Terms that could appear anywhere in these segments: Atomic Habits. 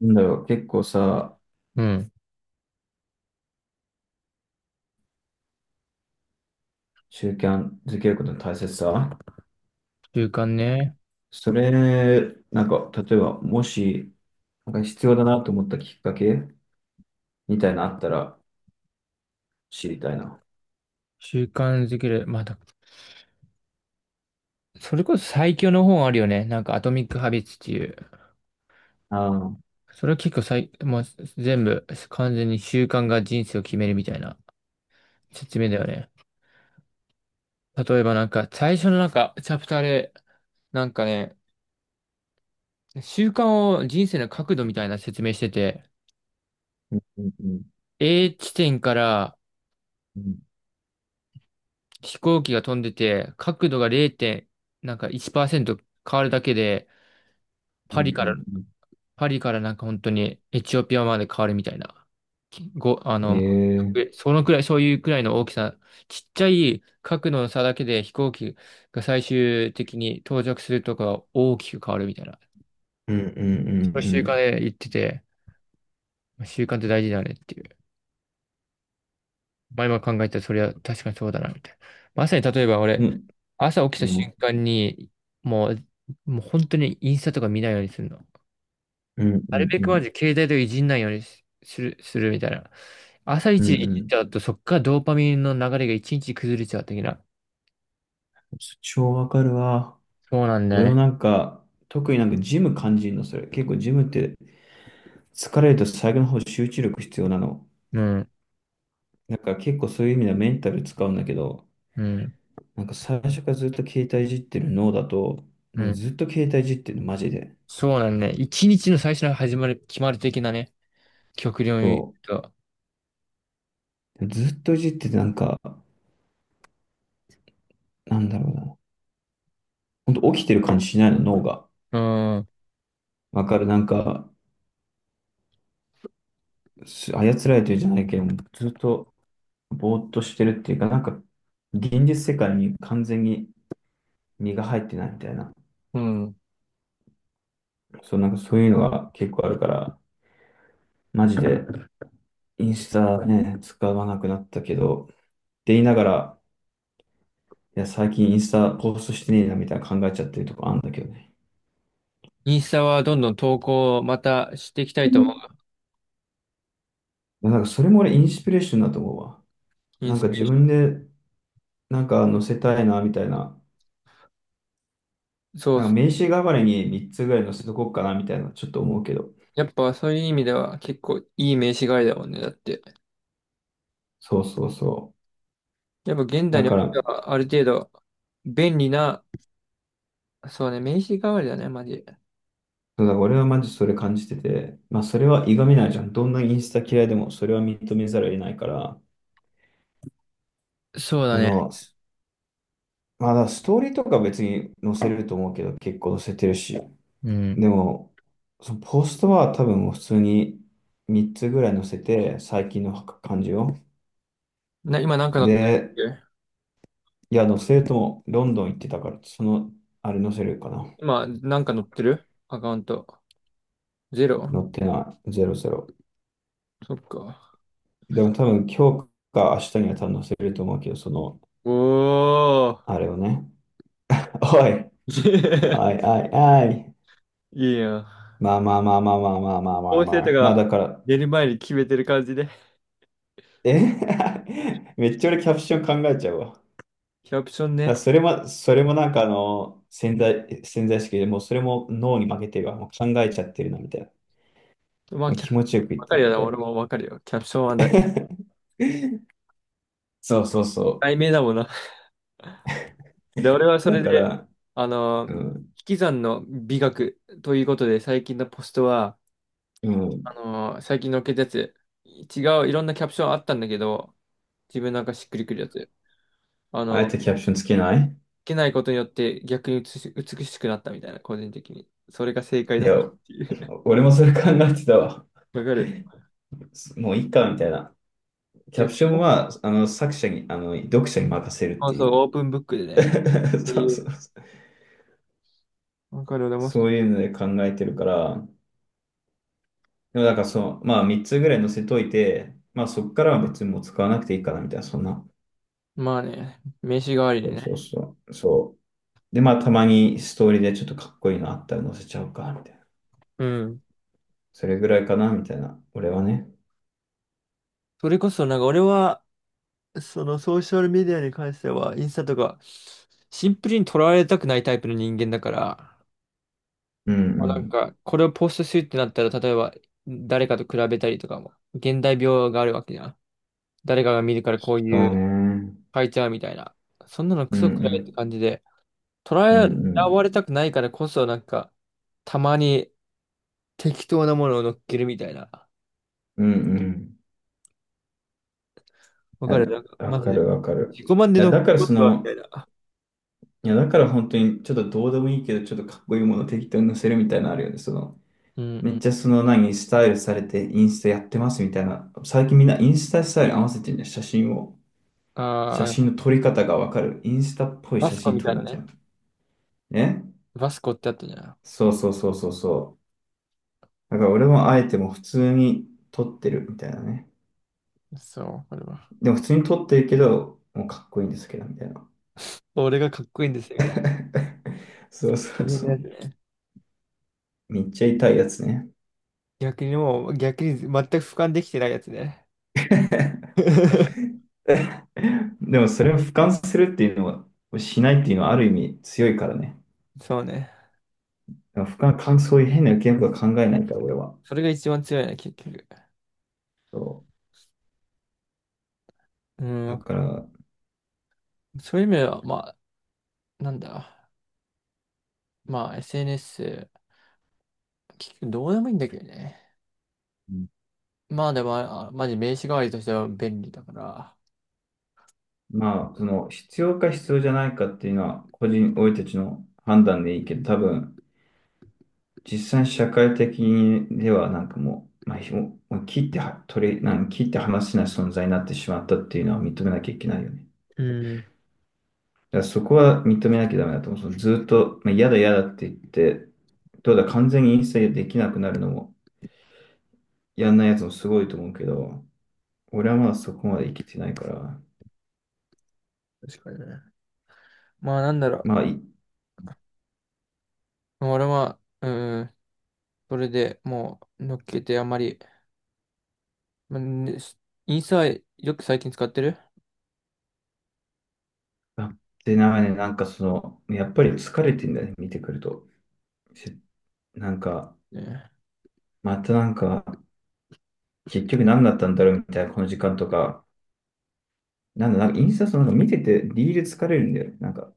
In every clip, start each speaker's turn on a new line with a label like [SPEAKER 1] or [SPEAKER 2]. [SPEAKER 1] なんだろう、結構さ、
[SPEAKER 2] うん。
[SPEAKER 1] 習慣づけることの大切さ。
[SPEAKER 2] 習慣ね。
[SPEAKER 1] それ、なんか、例えば、もし、なんか必要だなと思ったきっかけみたいなのあったら知りたいな。
[SPEAKER 2] 習慣づける。まあだ、それこそ最強の本あるよね。なんか、アトミック・ハビッツっていう。
[SPEAKER 1] ああ、うん
[SPEAKER 2] それは結構最、もう全部、完全に習慣が人生を決めるみたいな説明だよね。例えば最初のチャプターで、なんかね、習慣を人生の角度みたいな説明してて、
[SPEAKER 1] うんうん
[SPEAKER 2] A 地点から
[SPEAKER 1] うん
[SPEAKER 2] 飛行機が飛んでて、角度が0点、なんか1%変わるだけで、
[SPEAKER 1] う
[SPEAKER 2] パリから
[SPEAKER 1] ん
[SPEAKER 2] パリからなんか本当にエチオピアまで変わるみたいな。きご、あ
[SPEAKER 1] うん。え
[SPEAKER 2] の、
[SPEAKER 1] え
[SPEAKER 2] え
[SPEAKER 1] ー、
[SPEAKER 2] そのくらい、そういうくらいの大きさ、ちっちゃい角度の差だけで飛行機が最終的に到着するとか大きく変わるみたいな。
[SPEAKER 1] うんうんう
[SPEAKER 2] その
[SPEAKER 1] んう
[SPEAKER 2] 習慣
[SPEAKER 1] ん。
[SPEAKER 2] で言ってて、習慣って大事だねっていう。まあ今考えたらそれは確かにそうだなみたいな。まさに例えば
[SPEAKER 1] う
[SPEAKER 2] 俺、
[SPEAKER 1] ん
[SPEAKER 2] 朝起きた
[SPEAKER 1] うん
[SPEAKER 2] 瞬間に、もう、もう本当にインスタとか見ないようにするの。
[SPEAKER 1] うん
[SPEAKER 2] なるべ
[SPEAKER 1] う
[SPEAKER 2] くま
[SPEAKER 1] ん
[SPEAKER 2] ず携帯とかいじんないようにしする、するみたいな。朝
[SPEAKER 1] う
[SPEAKER 2] 一で
[SPEAKER 1] んう
[SPEAKER 2] いじっ
[SPEAKER 1] ん。
[SPEAKER 2] ちゃうと、そっからドーパミンの流れが一日崩れちゃう的な。
[SPEAKER 1] 超わかるわ。
[SPEAKER 2] そうなんだよ
[SPEAKER 1] 俺も
[SPEAKER 2] ね。
[SPEAKER 1] なんか、特になんかジム感じるの、それ。結構ジムって疲れると最後の方集中力必要なの。
[SPEAKER 2] うん、
[SPEAKER 1] なんか結構そういう意味ではメンタル使うんだけど、
[SPEAKER 2] うん、
[SPEAKER 1] なんか最初からずっと携帯いじってる脳だと、
[SPEAKER 2] う
[SPEAKER 1] なんか
[SPEAKER 2] ん。
[SPEAKER 1] ずっと携帯いじってるの、マジで。
[SPEAKER 2] そうなんだね。一日の最初の始まる、決まる的なね。極量に
[SPEAKER 1] そ
[SPEAKER 2] 言うと。
[SPEAKER 1] う。ずっといじっててなんか、なんだろうな。ほんと起きてる感じしないの、脳が。
[SPEAKER 2] うん、
[SPEAKER 1] わかる、なんか、操られてるじゃないけど、ずっとぼーっとしてるっていうか、なんか、現実世界に完全に身が入ってないみたいな。
[SPEAKER 2] うん。
[SPEAKER 1] そう、なんかそういうのが結構あるから、マジでインスタね、使わなくなったけど、って言いながら、いや、最近インスタポストしてねえなみたいな考えちゃってるとこあるんだけどね。
[SPEAKER 2] インスタはどんどん投稿をまたしていきたいと思う。
[SPEAKER 1] いや、なんかそれも俺インスピレーションだと思うわ。
[SPEAKER 2] イン
[SPEAKER 1] なん
[SPEAKER 2] ス
[SPEAKER 1] か
[SPEAKER 2] ピレ
[SPEAKER 1] 自
[SPEAKER 2] ーショ
[SPEAKER 1] 分でなんか載せたいなみたいな。
[SPEAKER 2] ン。そ
[SPEAKER 1] な
[SPEAKER 2] う
[SPEAKER 1] んか
[SPEAKER 2] そう。
[SPEAKER 1] 名刺代わりに3つぐらい載せとこうかなみたいなちょっと思うけど。
[SPEAKER 2] やっぱそういう意味では結構いい名刺代わりだもんね。だって。
[SPEAKER 1] そうそうそ
[SPEAKER 2] やっぱ現
[SPEAKER 1] う。
[SPEAKER 2] 代
[SPEAKER 1] だ
[SPEAKER 2] にお
[SPEAKER 1] か
[SPEAKER 2] いて
[SPEAKER 1] ら、
[SPEAKER 2] はある程度便利な、そうね、名刺代わりだね、マジ。
[SPEAKER 1] そうだから俺はマジそれ感じてて、まあそれはいがみないじゃん。どんなインスタ嫌いでもそれは認めざるを得ないから、
[SPEAKER 2] そうだ
[SPEAKER 1] そ
[SPEAKER 2] ね。
[SPEAKER 1] の、まあだからストーリーとか別に載せると思うけど、結構載せてるし。
[SPEAKER 2] うん。
[SPEAKER 1] でも、そのポストは多分もう普通に3つぐらい載せて、最近の感じを。
[SPEAKER 2] な、今なんか乗ってる
[SPEAKER 1] で、
[SPEAKER 2] っけ
[SPEAKER 1] いや、載せるとも、ロンドン行ってたから、その、あれ載せるかな。
[SPEAKER 2] 今なんか乗ってるアカウント。ゼロ。
[SPEAKER 1] 載ってない、ゼロゼロ。
[SPEAKER 2] そっか。
[SPEAKER 1] でも多分今日か明日には多分載せると思うけど、その、
[SPEAKER 2] おー。
[SPEAKER 1] あれをね。おい、おい、おい、おい。
[SPEAKER 2] いいやん。
[SPEAKER 1] まあまあまあまあまあまあまあまあ
[SPEAKER 2] ーセ
[SPEAKER 1] ま
[SPEAKER 2] 生ト
[SPEAKER 1] あ。まあ
[SPEAKER 2] が
[SPEAKER 1] だから、
[SPEAKER 2] 出る前に決めてる感じで。
[SPEAKER 1] え、 めっちゃ俺キャプション考えちゃうわ。
[SPEAKER 2] キャプション
[SPEAKER 1] だから
[SPEAKER 2] ね。
[SPEAKER 1] それも、それもなんかあの、潜在意識でもうそれも脳に負けてるわ。もう考えちゃってるな、みたい
[SPEAKER 2] まあ、
[SPEAKER 1] な。
[SPEAKER 2] キャ
[SPEAKER 1] 気持ちよく言っ
[SPEAKER 2] わか
[SPEAKER 1] て
[SPEAKER 2] る
[SPEAKER 1] ない、
[SPEAKER 2] よ
[SPEAKER 1] み
[SPEAKER 2] な、
[SPEAKER 1] たい
[SPEAKER 2] 俺
[SPEAKER 1] な。
[SPEAKER 2] もわかるよ。キャプションは大
[SPEAKER 1] そうそうそ
[SPEAKER 2] 題名だもんな。で、俺は
[SPEAKER 1] う。
[SPEAKER 2] そ
[SPEAKER 1] だ
[SPEAKER 2] れ
[SPEAKER 1] か
[SPEAKER 2] で、
[SPEAKER 1] ら、
[SPEAKER 2] あのー、
[SPEAKER 1] う
[SPEAKER 2] 引
[SPEAKER 1] ん、
[SPEAKER 2] き算の美学ということで、最近のポストは、
[SPEAKER 1] う
[SPEAKER 2] あ
[SPEAKER 1] ん、
[SPEAKER 2] のー、最近のっけたやつ、違う、いろんなキャプションあったんだけど、自分なんかしっくりくるやつ。あ
[SPEAKER 1] あえ
[SPEAKER 2] の、
[SPEAKER 1] てキャプションつけない。
[SPEAKER 2] 受けないことによって逆に美し、美しくなったみたいな、個人的に。それが正解
[SPEAKER 1] い
[SPEAKER 2] だっ
[SPEAKER 1] や、
[SPEAKER 2] たっていう。
[SPEAKER 1] 俺もそれ考えてたわ。
[SPEAKER 2] わかる。
[SPEAKER 1] もういいか、みたいな。キャプ
[SPEAKER 2] 逆
[SPEAKER 1] ション
[SPEAKER 2] にね、
[SPEAKER 1] は、あの、作者に、あの、読者に任せるっ
[SPEAKER 2] そう
[SPEAKER 1] て
[SPEAKER 2] そう、
[SPEAKER 1] い
[SPEAKER 2] オ
[SPEAKER 1] う。
[SPEAKER 2] ープンブックでね。っ て
[SPEAKER 1] そう
[SPEAKER 2] い
[SPEAKER 1] そ
[SPEAKER 2] う。
[SPEAKER 1] うそう。
[SPEAKER 2] わかる、でも、
[SPEAKER 1] そういうので考えてるから、でもだからその、まあ3つぐらい載せといて、まあそっからは別にもう使わなくていいかなみたいな、そんな。
[SPEAKER 2] まあね、名刺代わりに
[SPEAKER 1] そうそう
[SPEAKER 2] ね。
[SPEAKER 1] そう。そう。で、まあたまにストーリーでちょっとかっこいいのあったら載せちゃおうか、みたいな。
[SPEAKER 2] うん。
[SPEAKER 1] それぐらいかな、みたいな。俺はね。
[SPEAKER 2] それこそ、なんか俺は、そのソーシャルメディアに関しては、インスタとか、シンプルに捉われたくないタイプの人間だから、
[SPEAKER 1] うん
[SPEAKER 2] あ
[SPEAKER 1] う
[SPEAKER 2] なん
[SPEAKER 1] ん。
[SPEAKER 2] か、これをポストするってなったら、例えば、誰かと比べたりとかも、現代病があるわけじゃん。誰かが見るからこう
[SPEAKER 1] そ
[SPEAKER 2] い
[SPEAKER 1] う
[SPEAKER 2] う
[SPEAKER 1] ね。
[SPEAKER 2] 変えちゃうみたいな。そんなの
[SPEAKER 1] う
[SPEAKER 2] ク
[SPEAKER 1] ん
[SPEAKER 2] ソく
[SPEAKER 1] う
[SPEAKER 2] らいって
[SPEAKER 1] ん。
[SPEAKER 2] 感じで、捉
[SPEAKER 1] うん
[SPEAKER 2] え
[SPEAKER 1] う
[SPEAKER 2] ら
[SPEAKER 1] ん。
[SPEAKER 2] われたくないからこそ、なんか、たまに適当なものを乗っけるみたいな。
[SPEAKER 1] うん
[SPEAKER 2] わ
[SPEAKER 1] う
[SPEAKER 2] かる
[SPEAKER 1] ん。
[SPEAKER 2] なんか、
[SPEAKER 1] あ、わ
[SPEAKER 2] マジ
[SPEAKER 1] か
[SPEAKER 2] で。
[SPEAKER 1] るわかる。
[SPEAKER 2] 自己満で
[SPEAKER 1] いや、
[SPEAKER 2] 乗っけ
[SPEAKER 1] だから
[SPEAKER 2] ま
[SPEAKER 1] そ
[SPEAKER 2] すわ、みた
[SPEAKER 1] の、
[SPEAKER 2] いな。
[SPEAKER 1] いや、だから本当にちょっとどうでもいいけど、ちょっとかっこいいものを適当に載せるみたいなのあるよね。その、
[SPEAKER 2] うんう
[SPEAKER 1] めっ
[SPEAKER 2] ん。
[SPEAKER 1] ちゃその何、スタイルされてインスタやってますみたいな。最近みんなインスタスタイル合わせてんじゃん。写真を。
[SPEAKER 2] あ
[SPEAKER 1] 写真
[SPEAKER 2] あ、
[SPEAKER 1] の撮り方がわかる。インスタっぽい
[SPEAKER 2] バ
[SPEAKER 1] 写
[SPEAKER 2] スコ
[SPEAKER 1] 真
[SPEAKER 2] み
[SPEAKER 1] 撮
[SPEAKER 2] たい
[SPEAKER 1] る
[SPEAKER 2] な
[SPEAKER 1] みたい
[SPEAKER 2] ね。
[SPEAKER 1] な。ね、
[SPEAKER 2] バスコってあったじゃん。
[SPEAKER 1] そうそうそうそうそう。だから俺もあえてもう普通に撮ってるみたいなね。
[SPEAKER 2] そう、これは。
[SPEAKER 1] でも普通に撮ってるけど、もうかっこいいんですけど、みたいな。
[SPEAKER 2] 俺がかっこいいんですよ、みたいな。
[SPEAKER 1] そうそう
[SPEAKER 2] 自分
[SPEAKER 1] そ
[SPEAKER 2] のやつ
[SPEAKER 1] う。
[SPEAKER 2] ね。
[SPEAKER 1] めっちゃ痛いやつね。
[SPEAKER 2] 逆にもう、逆に全く俯瞰できてないやつね。
[SPEAKER 1] でもそれを俯瞰するっていうのは、しないっていうのはある意味強いからね。
[SPEAKER 2] そうね。
[SPEAKER 1] だから他の感想、変な受け身とか考えないから、俺は。
[SPEAKER 2] それが一番強いね、結局。
[SPEAKER 1] そ
[SPEAKER 2] うん、
[SPEAKER 1] う。だ
[SPEAKER 2] わか
[SPEAKER 1] か
[SPEAKER 2] る。
[SPEAKER 1] ら、
[SPEAKER 2] そういう意味では、まあ、なんだ。まあ SNS、結局どうでもいいんだけどね。まあでも、あ、マジ名刺代わりとしては便利だから。
[SPEAKER 1] まあ、その、必要か必要じゃないかっていうのは、個人、俺たちの判断でいいけど、多分、実際社会的にでは、なんかもう、まあ、ひももう切っては取り、なん切って話せない存在になってしまったっていうのは認めなきゃいけないよね。
[SPEAKER 2] うん。
[SPEAKER 1] だからそこは認めなきゃダメだと思う。そのずっと、まあ、嫌だ嫌だって言って、どうだ、完全に一切できなくなるのも、やんないやつもすごいと思うけど、俺はまだそこまで生きてないから、
[SPEAKER 2] 確かにね。まあなんだろ
[SPEAKER 1] まあ、い、
[SPEAKER 2] う。俺は、うん、それでもう乗っけてあんまり、まあね、インスタはよく最近使ってる
[SPEAKER 1] あ、で、なんかね、なんかその、やっぱり疲れてんだね、見てくると。せ、なんか、
[SPEAKER 2] ね。
[SPEAKER 1] またなんか、結局何だったんだろうみたいな、この時間とか、なんだ、なんかインスタそのなんか見てて、リール疲れるんだよね。なんか、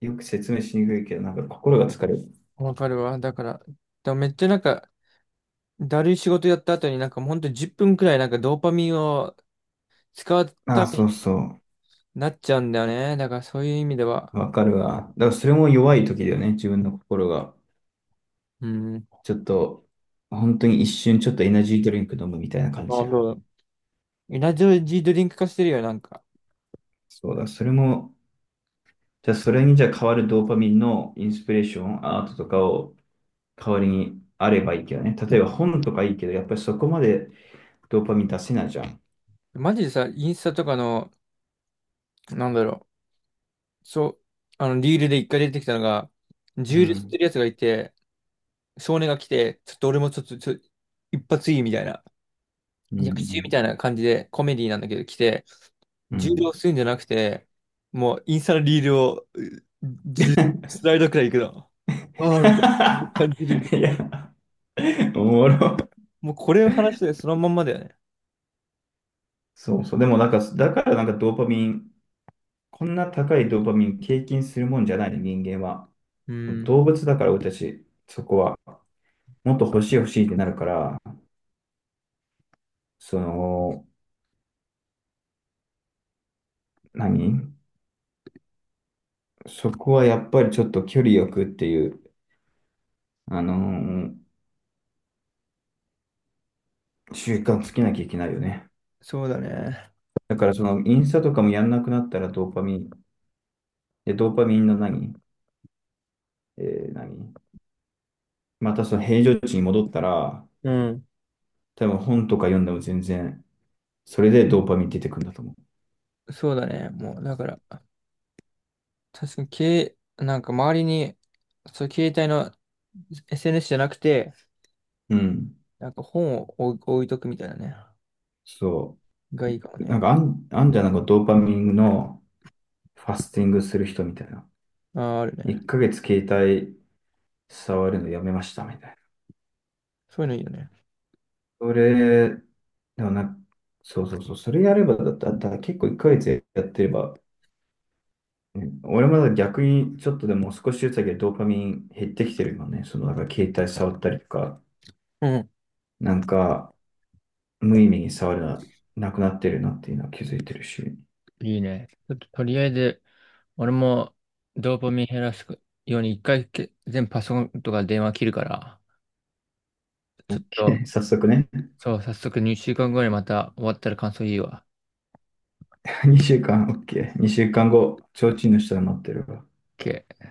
[SPEAKER 1] よく説明しにくいけど、なんか心が疲れる。
[SPEAKER 2] わかるわ。だから、でもめっちゃなんか、だるい仕事やった後になんかほんと10分くらいなんかドーパミンを使う
[SPEAKER 1] ああ、
[SPEAKER 2] ため
[SPEAKER 1] そう
[SPEAKER 2] に
[SPEAKER 1] そ
[SPEAKER 2] なっちゃうんだよね。だからそういう意味では、
[SPEAKER 1] う。わかるわ。だからそれも弱い時だよね、自分の心が。
[SPEAKER 2] うん。
[SPEAKER 1] ちょっと、本当に一瞬ちょっとエナジードリンク飲むみたいな感
[SPEAKER 2] あ、
[SPEAKER 1] じや。
[SPEAKER 2] そうだ。エナジードリンク化してるよ、なんか。
[SPEAKER 1] そうだ、それも、じゃあそれにじゃあ変わるドーパミンのインスピレーション、アートとかを代わりにあればいいけどね。例えば本とかいいけど、やっぱりそこまでドーパミン出せないじゃん。
[SPEAKER 2] マジでさ、インスタとかの、なんだろう、そう、あの、リールで一回出てきたのが、
[SPEAKER 1] う
[SPEAKER 2] 銃で吸って
[SPEAKER 1] ん。
[SPEAKER 2] るやつがいて、少年が来て、ちょっと俺もちょっと、ちょ、一発いいみたいな、
[SPEAKER 1] う
[SPEAKER 2] 逆中み
[SPEAKER 1] ん。
[SPEAKER 2] たいな感じで、コメディなんだけど来て、
[SPEAKER 1] う
[SPEAKER 2] 重
[SPEAKER 1] ん。
[SPEAKER 2] 量するんじゃなくて、もうインスタのリールを、うじゅ スライドくらいいくの。ああ、みたいな感じるみ
[SPEAKER 1] い
[SPEAKER 2] たい
[SPEAKER 1] や、
[SPEAKER 2] な。
[SPEAKER 1] おもろ。
[SPEAKER 2] もうこれを話してそのまんまだよね。
[SPEAKER 1] そうそう。でもなんか、だからなんかドーパミン、こんな高いドーパミン経験するもんじゃないね、人間は。
[SPEAKER 2] うん、
[SPEAKER 1] 動物だから俺たち、そこは。もっと欲しい欲しいってなるから、その、何、そこはやっぱりちょっと距離よくっていう、あのー習慣つけなきゃいけないよね。
[SPEAKER 2] そうだね。
[SPEAKER 1] だからそのインスタとかもやんなくなったらドーパミン、で、ドーパミンの何、え何、またその平常値に戻ったら、
[SPEAKER 2] うん、
[SPEAKER 1] 多分本とか読んでも全然、それでドーパミン出てくるんだと思
[SPEAKER 2] そうだね。もう、だから。確かに、けい、なんか周りに、そう、携帯の SNS じゃなくて、
[SPEAKER 1] う。うん。
[SPEAKER 2] なんか本を置いとくみたいなね。
[SPEAKER 1] そ
[SPEAKER 2] がいいかも
[SPEAKER 1] う。なん
[SPEAKER 2] ね。
[SPEAKER 1] かあんじゃん、なんかドーパミンのファスティングする人みたいな。
[SPEAKER 2] ああ、ある
[SPEAKER 1] 1
[SPEAKER 2] ね。
[SPEAKER 1] ヶ月携帯触るのやめましたみたいな。
[SPEAKER 2] そういうのいいよね。
[SPEAKER 1] それ、でもな、そうそうそう、それやればだったら、だから結構1ヶ月やってれば、うん、俺まだ逆にちょっとでも少しずつだけドーパミン減ってきてるよね。そのなんか携帯触ったりとか、
[SPEAKER 2] うん。
[SPEAKER 1] なんか無意味に触るな、なくなってるなっていうのは気づいてるし。
[SPEAKER 2] いいね。ちょっととりあえず、俺もドーパミン減らすように一回け全部パソコンとか電話切るから、ちょっ と、
[SPEAKER 1] 早速ね、
[SPEAKER 2] そう、早速2週間後にまた終わったら感想いいわ。
[SPEAKER 1] 2週間、OK。2週間後、提灯の下で待ってるわ。
[SPEAKER 2] OK